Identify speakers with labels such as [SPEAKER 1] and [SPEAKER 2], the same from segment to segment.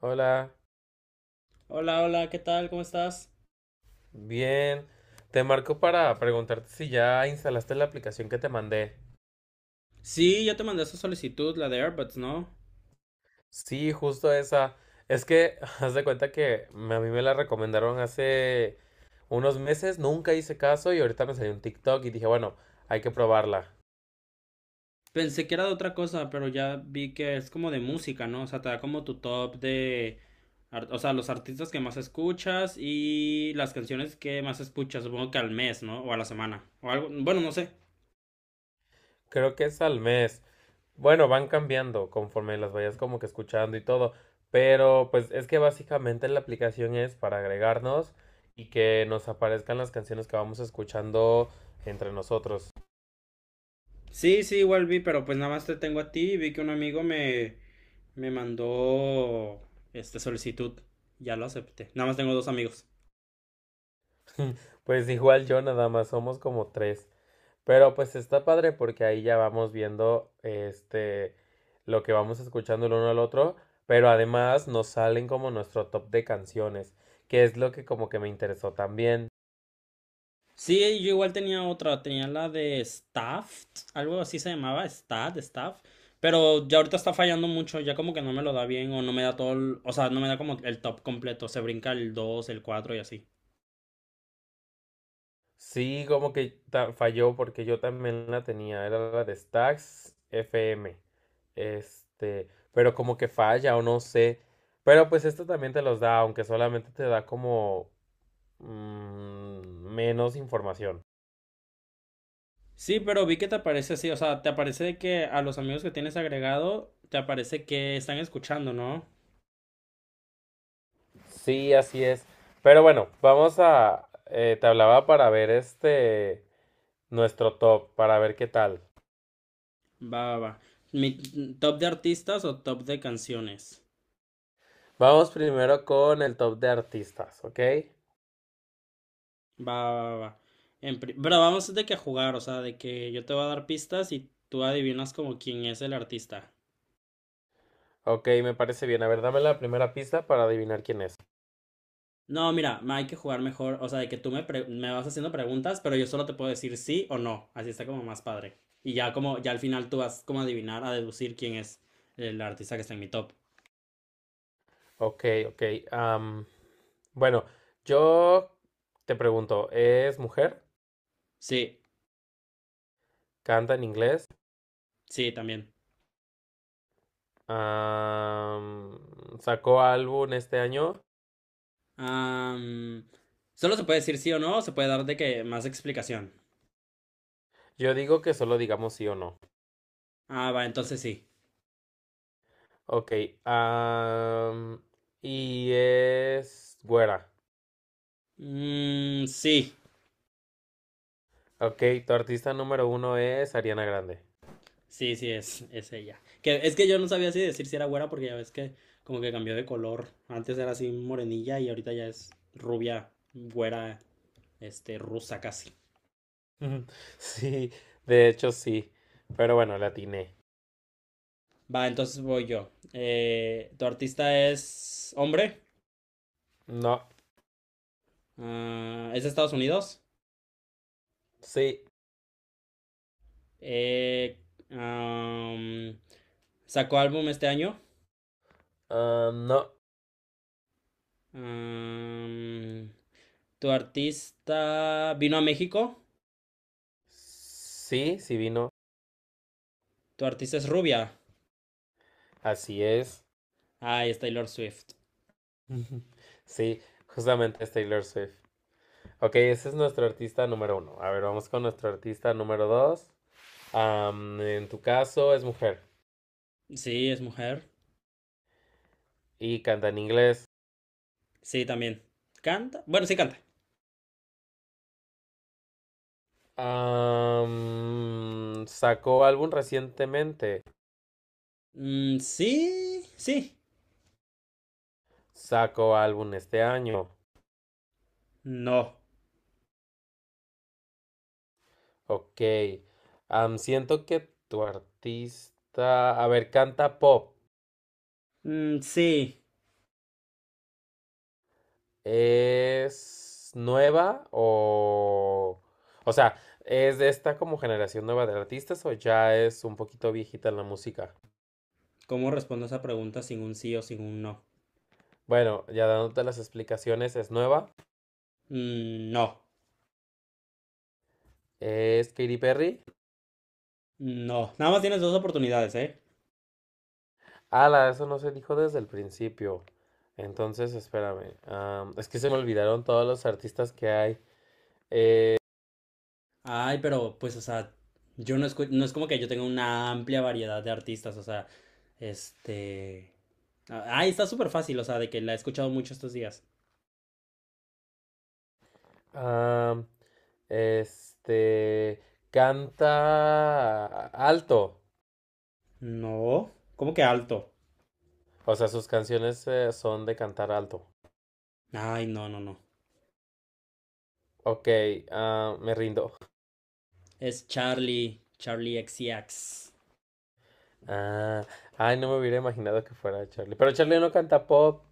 [SPEAKER 1] Hola,
[SPEAKER 2] Hola, hola, ¿qué tal? ¿Cómo estás?
[SPEAKER 1] bien. Te marco para preguntarte si ya instalaste la aplicación que te mandé.
[SPEAKER 2] Sí, ya te mandé esa solicitud, la de AirPods, ¿no?
[SPEAKER 1] Sí, justo esa. Es que haz de cuenta que a mí me la recomendaron hace unos meses, nunca hice caso y ahorita me salió un TikTok y dije, bueno, hay que probarla.
[SPEAKER 2] Pensé que era de otra cosa, pero ya vi que es como de música, ¿no? O sea, te da como tu top de, o sea, los artistas que más escuchas y las canciones que más escuchas, supongo que al mes, ¿no? O a la semana, o algo, bueno, no sé.
[SPEAKER 1] Creo que es al mes. Bueno, van cambiando conforme las vayas como que escuchando y todo. Pero pues es que básicamente la aplicación es para agregarnos y que nos aparezcan las canciones que vamos escuchando entre nosotros.
[SPEAKER 2] Sí, sí, igual vi, pero pues nada más te tengo a ti y vi que un amigo me mandó, solicitud. Ya lo acepté. Nada más tengo dos amigos.
[SPEAKER 1] Pues igual yo nada más somos como tres. Pero pues está padre porque ahí ya vamos viendo este lo que vamos escuchando el uno al otro, pero además nos salen como nuestro top de canciones, que es lo que como que me interesó también.
[SPEAKER 2] Sí, yo igual tenía otra, tenía la de Staff, algo así se llamaba, Stat, Staff, pero ya ahorita está fallando mucho, ya como que no me lo da bien o no me da todo, o sea, no me da como el top completo, se brinca el 2, el cuatro y así.
[SPEAKER 1] Sí, como que falló porque yo también la tenía, era la de Stax FM. Este, pero como que falla o no sé. Pero pues esto también te los da, aunque solamente te da como menos información.
[SPEAKER 2] Sí, pero vi que te aparece así, o sea, te aparece de que a los amigos que tienes agregado, te aparece que están escuchando, ¿no?
[SPEAKER 1] Sí, así es. Pero bueno, vamos a... te hablaba para ver este... nuestro top, para ver qué tal.
[SPEAKER 2] Va, va, va. Mi top de artistas o top de canciones.
[SPEAKER 1] Vamos primero con el top de artistas, ¿ok?
[SPEAKER 2] Va, va, va. Pero vamos de que a jugar, o sea, de que yo te voy a dar pistas y tú adivinas como quién es el artista.
[SPEAKER 1] Ok, me parece bien. A ver, dame la primera pista para adivinar quién es.
[SPEAKER 2] No, mira, ma, hay que jugar mejor, o sea, de que tú me vas haciendo preguntas, pero yo solo te puedo decir sí o no, así está como más padre. Y ya como, ya al final tú vas como a adivinar, a deducir quién es el artista que está en mi top.
[SPEAKER 1] Ok, ok. am, bueno, yo te pregunto, ¿es mujer?
[SPEAKER 2] Sí,
[SPEAKER 1] ¿Canta en inglés?
[SPEAKER 2] sí, también.
[SPEAKER 1] Am, ¿Sacó álbum este año?
[SPEAKER 2] Am, Solo se puede decir sí o no, o se puede dar de que más explicación.
[SPEAKER 1] Yo digo que solo digamos sí o no.
[SPEAKER 2] Ah, va, entonces sí.
[SPEAKER 1] Ok, am, y es güera.
[SPEAKER 2] Mm, sí.
[SPEAKER 1] Ok, tu artista número uno es Ariana Grande.
[SPEAKER 2] Sí, sí, es ella. Que, es que yo no sabía si decir si era güera porque ya ves que como que cambió de color. Antes era así morenilla y ahorita ya es rubia, güera, rusa casi.
[SPEAKER 1] Ujú. Sí, de hecho sí. Pero bueno, la atiné.
[SPEAKER 2] Va, entonces voy yo. ¿Tu artista es hombre?
[SPEAKER 1] No,
[SPEAKER 2] Ah, ¿es de Estados Unidos?
[SPEAKER 1] sí,
[SPEAKER 2] Eh, am, ¿Sacó álbum este año?
[SPEAKER 1] ah, no.
[SPEAKER 2] Am, ¿Tu artista vino a México?
[SPEAKER 1] Sí, sí vino.
[SPEAKER 2] ¿Tu artista es rubia?
[SPEAKER 1] Así es.
[SPEAKER 2] Ah, es Taylor Swift.
[SPEAKER 1] Ujú. Sí, justamente es Taylor Swift. Ok, ese es nuestro artista número uno. A ver, vamos con nuestro artista número dos. En tu caso es mujer
[SPEAKER 2] Sí, es mujer.
[SPEAKER 1] y canta en inglés.
[SPEAKER 2] Sí, también. ¿Canta? Bueno, sí canta.
[SPEAKER 1] Sacó álbum recientemente.
[SPEAKER 2] Mm, sí, sí,
[SPEAKER 1] Sacó álbum este año.
[SPEAKER 2] no.
[SPEAKER 1] Ok. Siento que tu artista. A ver, canta pop.
[SPEAKER 2] Mm, sí.
[SPEAKER 1] ¿Es nueva o? O sea, ¿es de esta como generación nueva de artistas o ya es un poquito viejita en la música?
[SPEAKER 2] ¿Cómo respondo esa pregunta sin un sí o sin un no?
[SPEAKER 1] Bueno, ya dándote las explicaciones, es nueva.
[SPEAKER 2] Mm, no,
[SPEAKER 1] ¿Es Katy Perry?
[SPEAKER 2] no. Nada más tienes dos oportunidades, ¿eh?
[SPEAKER 1] Ala, eso no se dijo desde el principio. Entonces, espérame. Es que se me olvidaron todos los artistas que hay. Eh,
[SPEAKER 2] Ay, pero pues, o sea, yo no es como que yo tenga una amplia variedad de artistas, o sea, este... Ay, está súper fácil, o sea, de que la he escuchado mucho estos días.
[SPEAKER 1] am, este. Canta alto.
[SPEAKER 2] No, ¿cómo que alto?
[SPEAKER 1] O sea, sus canciones son de cantar alto.
[SPEAKER 2] Ay, no, no, no.
[SPEAKER 1] Ok, ah, me rindo.
[SPEAKER 2] Es Charlie XCX.
[SPEAKER 1] Ah, ay, no me hubiera imaginado que fuera Charlie. Pero Charlie no canta pop.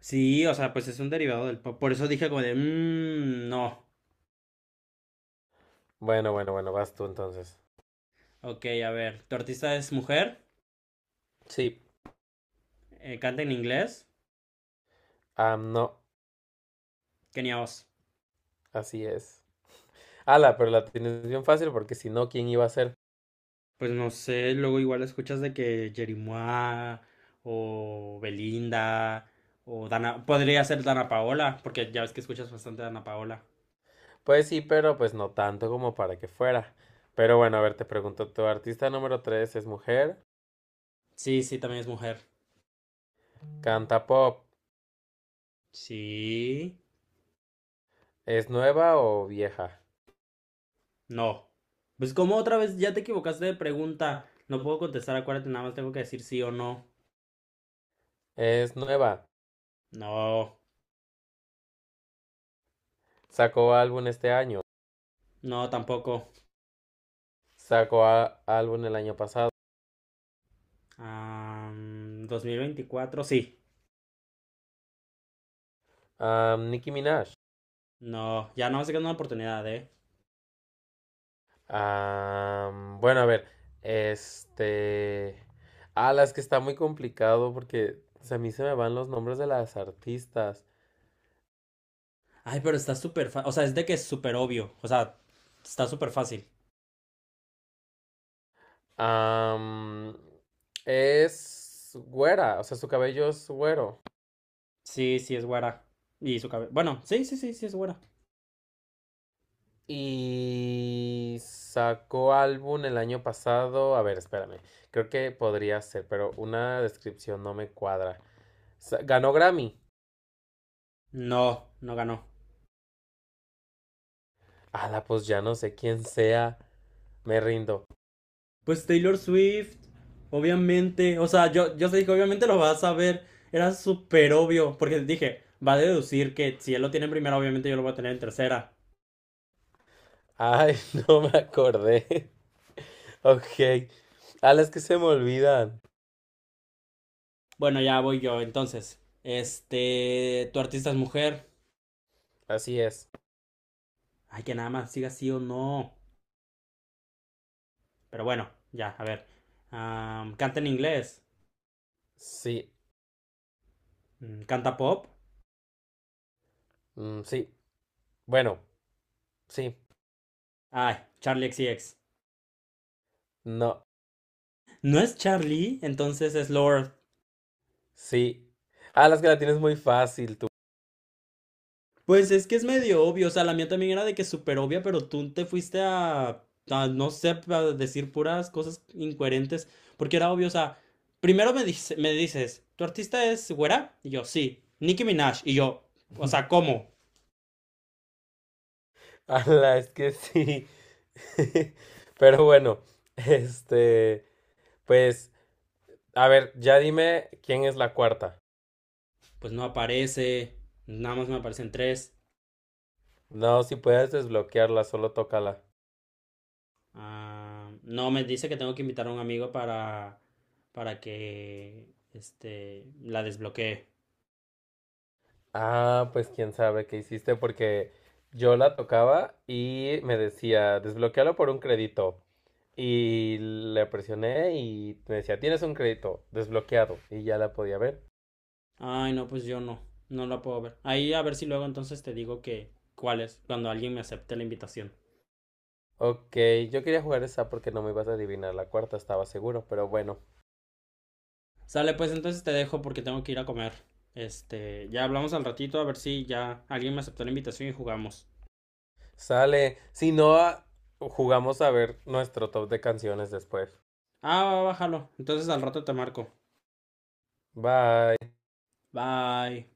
[SPEAKER 2] Sí, o sea, pues es un derivado del pop. Por eso dije como de, no.
[SPEAKER 1] Bueno, bueno, bueno, vas tú entonces.
[SPEAKER 2] Ok, a ver, tu artista es mujer,
[SPEAKER 1] Sí,
[SPEAKER 2] canta en inglés,
[SPEAKER 1] ah, no,
[SPEAKER 2] Kenia Os.
[SPEAKER 1] así es. Ala, pero la tienes bien fácil porque si no, ¿quién iba a ser?
[SPEAKER 2] Pues no sé, luego igual escuchas de que Jerimois o Belinda o Dana, podría ser Dana Paola, porque ya ves que escuchas bastante a Dana Paola.
[SPEAKER 1] Pues sí, pero pues no tanto como para que fuera. Pero bueno, a ver, te pregunto, ¿tu artista número tres es mujer?
[SPEAKER 2] Sí, sí, también es mujer.
[SPEAKER 1] ¿Canta pop?
[SPEAKER 2] Sí,
[SPEAKER 1] ¿Es nueva o vieja?
[SPEAKER 2] no. Pues como otra vez ya te equivocaste de pregunta, no puedo contestar, acuérdate, nada más tengo que decir sí o no.
[SPEAKER 1] Es nueva.
[SPEAKER 2] No,
[SPEAKER 1] Sacó álbum este año.
[SPEAKER 2] no, tampoco.
[SPEAKER 1] Sacó álbum el año pasado.
[SPEAKER 2] 2024, sí.
[SPEAKER 1] Ah, Nicki Minaj.
[SPEAKER 2] No, ya no más se queda una oportunidad, ¿eh?
[SPEAKER 1] Ah, bueno, a ver, este... Ah, las que está muy complicado porque a mí se me van los nombres de las artistas.
[SPEAKER 2] Ay, pero está súper fácil. O sea, es de que es súper obvio. O sea, está súper fácil.
[SPEAKER 1] Ah, es güera, o sea, su cabello es güero.
[SPEAKER 2] Sí, sí es güera. Y su cabello. Bueno, sí, sí, sí, sí es güera.
[SPEAKER 1] Y sacó álbum el año pasado. A ver, espérame. Creo que podría ser, pero una descripción no me cuadra. Ganó Grammy.
[SPEAKER 2] No, no ganó.
[SPEAKER 1] Ala, pues ya no sé quién sea. Me rindo.
[SPEAKER 2] Pues Taylor Swift, obviamente. O sea, yo te dije, obviamente lo vas a ver. Era súper obvio. Porque dije, va a deducir que si él lo tiene en primera, obviamente yo lo voy a tener en tercera.
[SPEAKER 1] Ay, no me acordé. Ok. Ala, es que se me olvidan.
[SPEAKER 2] Bueno, ya voy yo entonces. Tu artista es mujer.
[SPEAKER 1] Así es.
[SPEAKER 2] Ay, que nada más siga sí o no. Pero bueno, ya, a ver. Canta en inglés.
[SPEAKER 1] Sí.
[SPEAKER 2] Canta pop.
[SPEAKER 1] Mm, sí. Bueno. Sí.
[SPEAKER 2] Ay, Charlie XCX.
[SPEAKER 1] No.
[SPEAKER 2] No es Charlie, entonces es Lord.
[SPEAKER 1] Sí. Ala, es que la tienes muy fácil tú.
[SPEAKER 2] Pues es que es medio obvio. O sea, la mía también era de que súper obvia, pero tú te fuiste a, no sé, a decir puras cosas incoherentes. Porque era obvio, o sea, primero me dices, ¿tu artista es güera? Y yo, sí. Nicki Minaj. Y yo, o sea, ¿cómo?
[SPEAKER 1] Ala, es que sí. Pero bueno. Este. Pues, a ver, ya dime quién es la cuarta.
[SPEAKER 2] Pues no aparece. Nada más me aparecen tres.
[SPEAKER 1] No, si puedes desbloquearla, solo tócala.
[SPEAKER 2] Ah, no, me dice que tengo que invitar a un amigo para que la desbloquee.
[SPEAKER 1] Ah, pues quién sabe qué hiciste porque yo la tocaba y me decía, desbloquealo por un crédito. Y le presioné y me decía, tienes un crédito desbloqueado. Y ya la podía ver.
[SPEAKER 2] Ay, no, pues yo no, no la puedo ver. Ahí a ver si luego entonces te digo que cuál es, cuando alguien me acepte la invitación.
[SPEAKER 1] Ok, yo quería jugar esa porque no me ibas a adivinar la cuarta, estaba seguro, pero bueno,
[SPEAKER 2] Sale, pues entonces te dejo porque tengo que ir a comer. Ya hablamos al ratito a ver si ya alguien me aceptó la invitación y jugamos.
[SPEAKER 1] sale. Si no, ah, jugamos a ver nuestro top de canciones después.
[SPEAKER 2] Ah, va, bájalo. Entonces al rato te marco.
[SPEAKER 1] Bye.
[SPEAKER 2] Bye.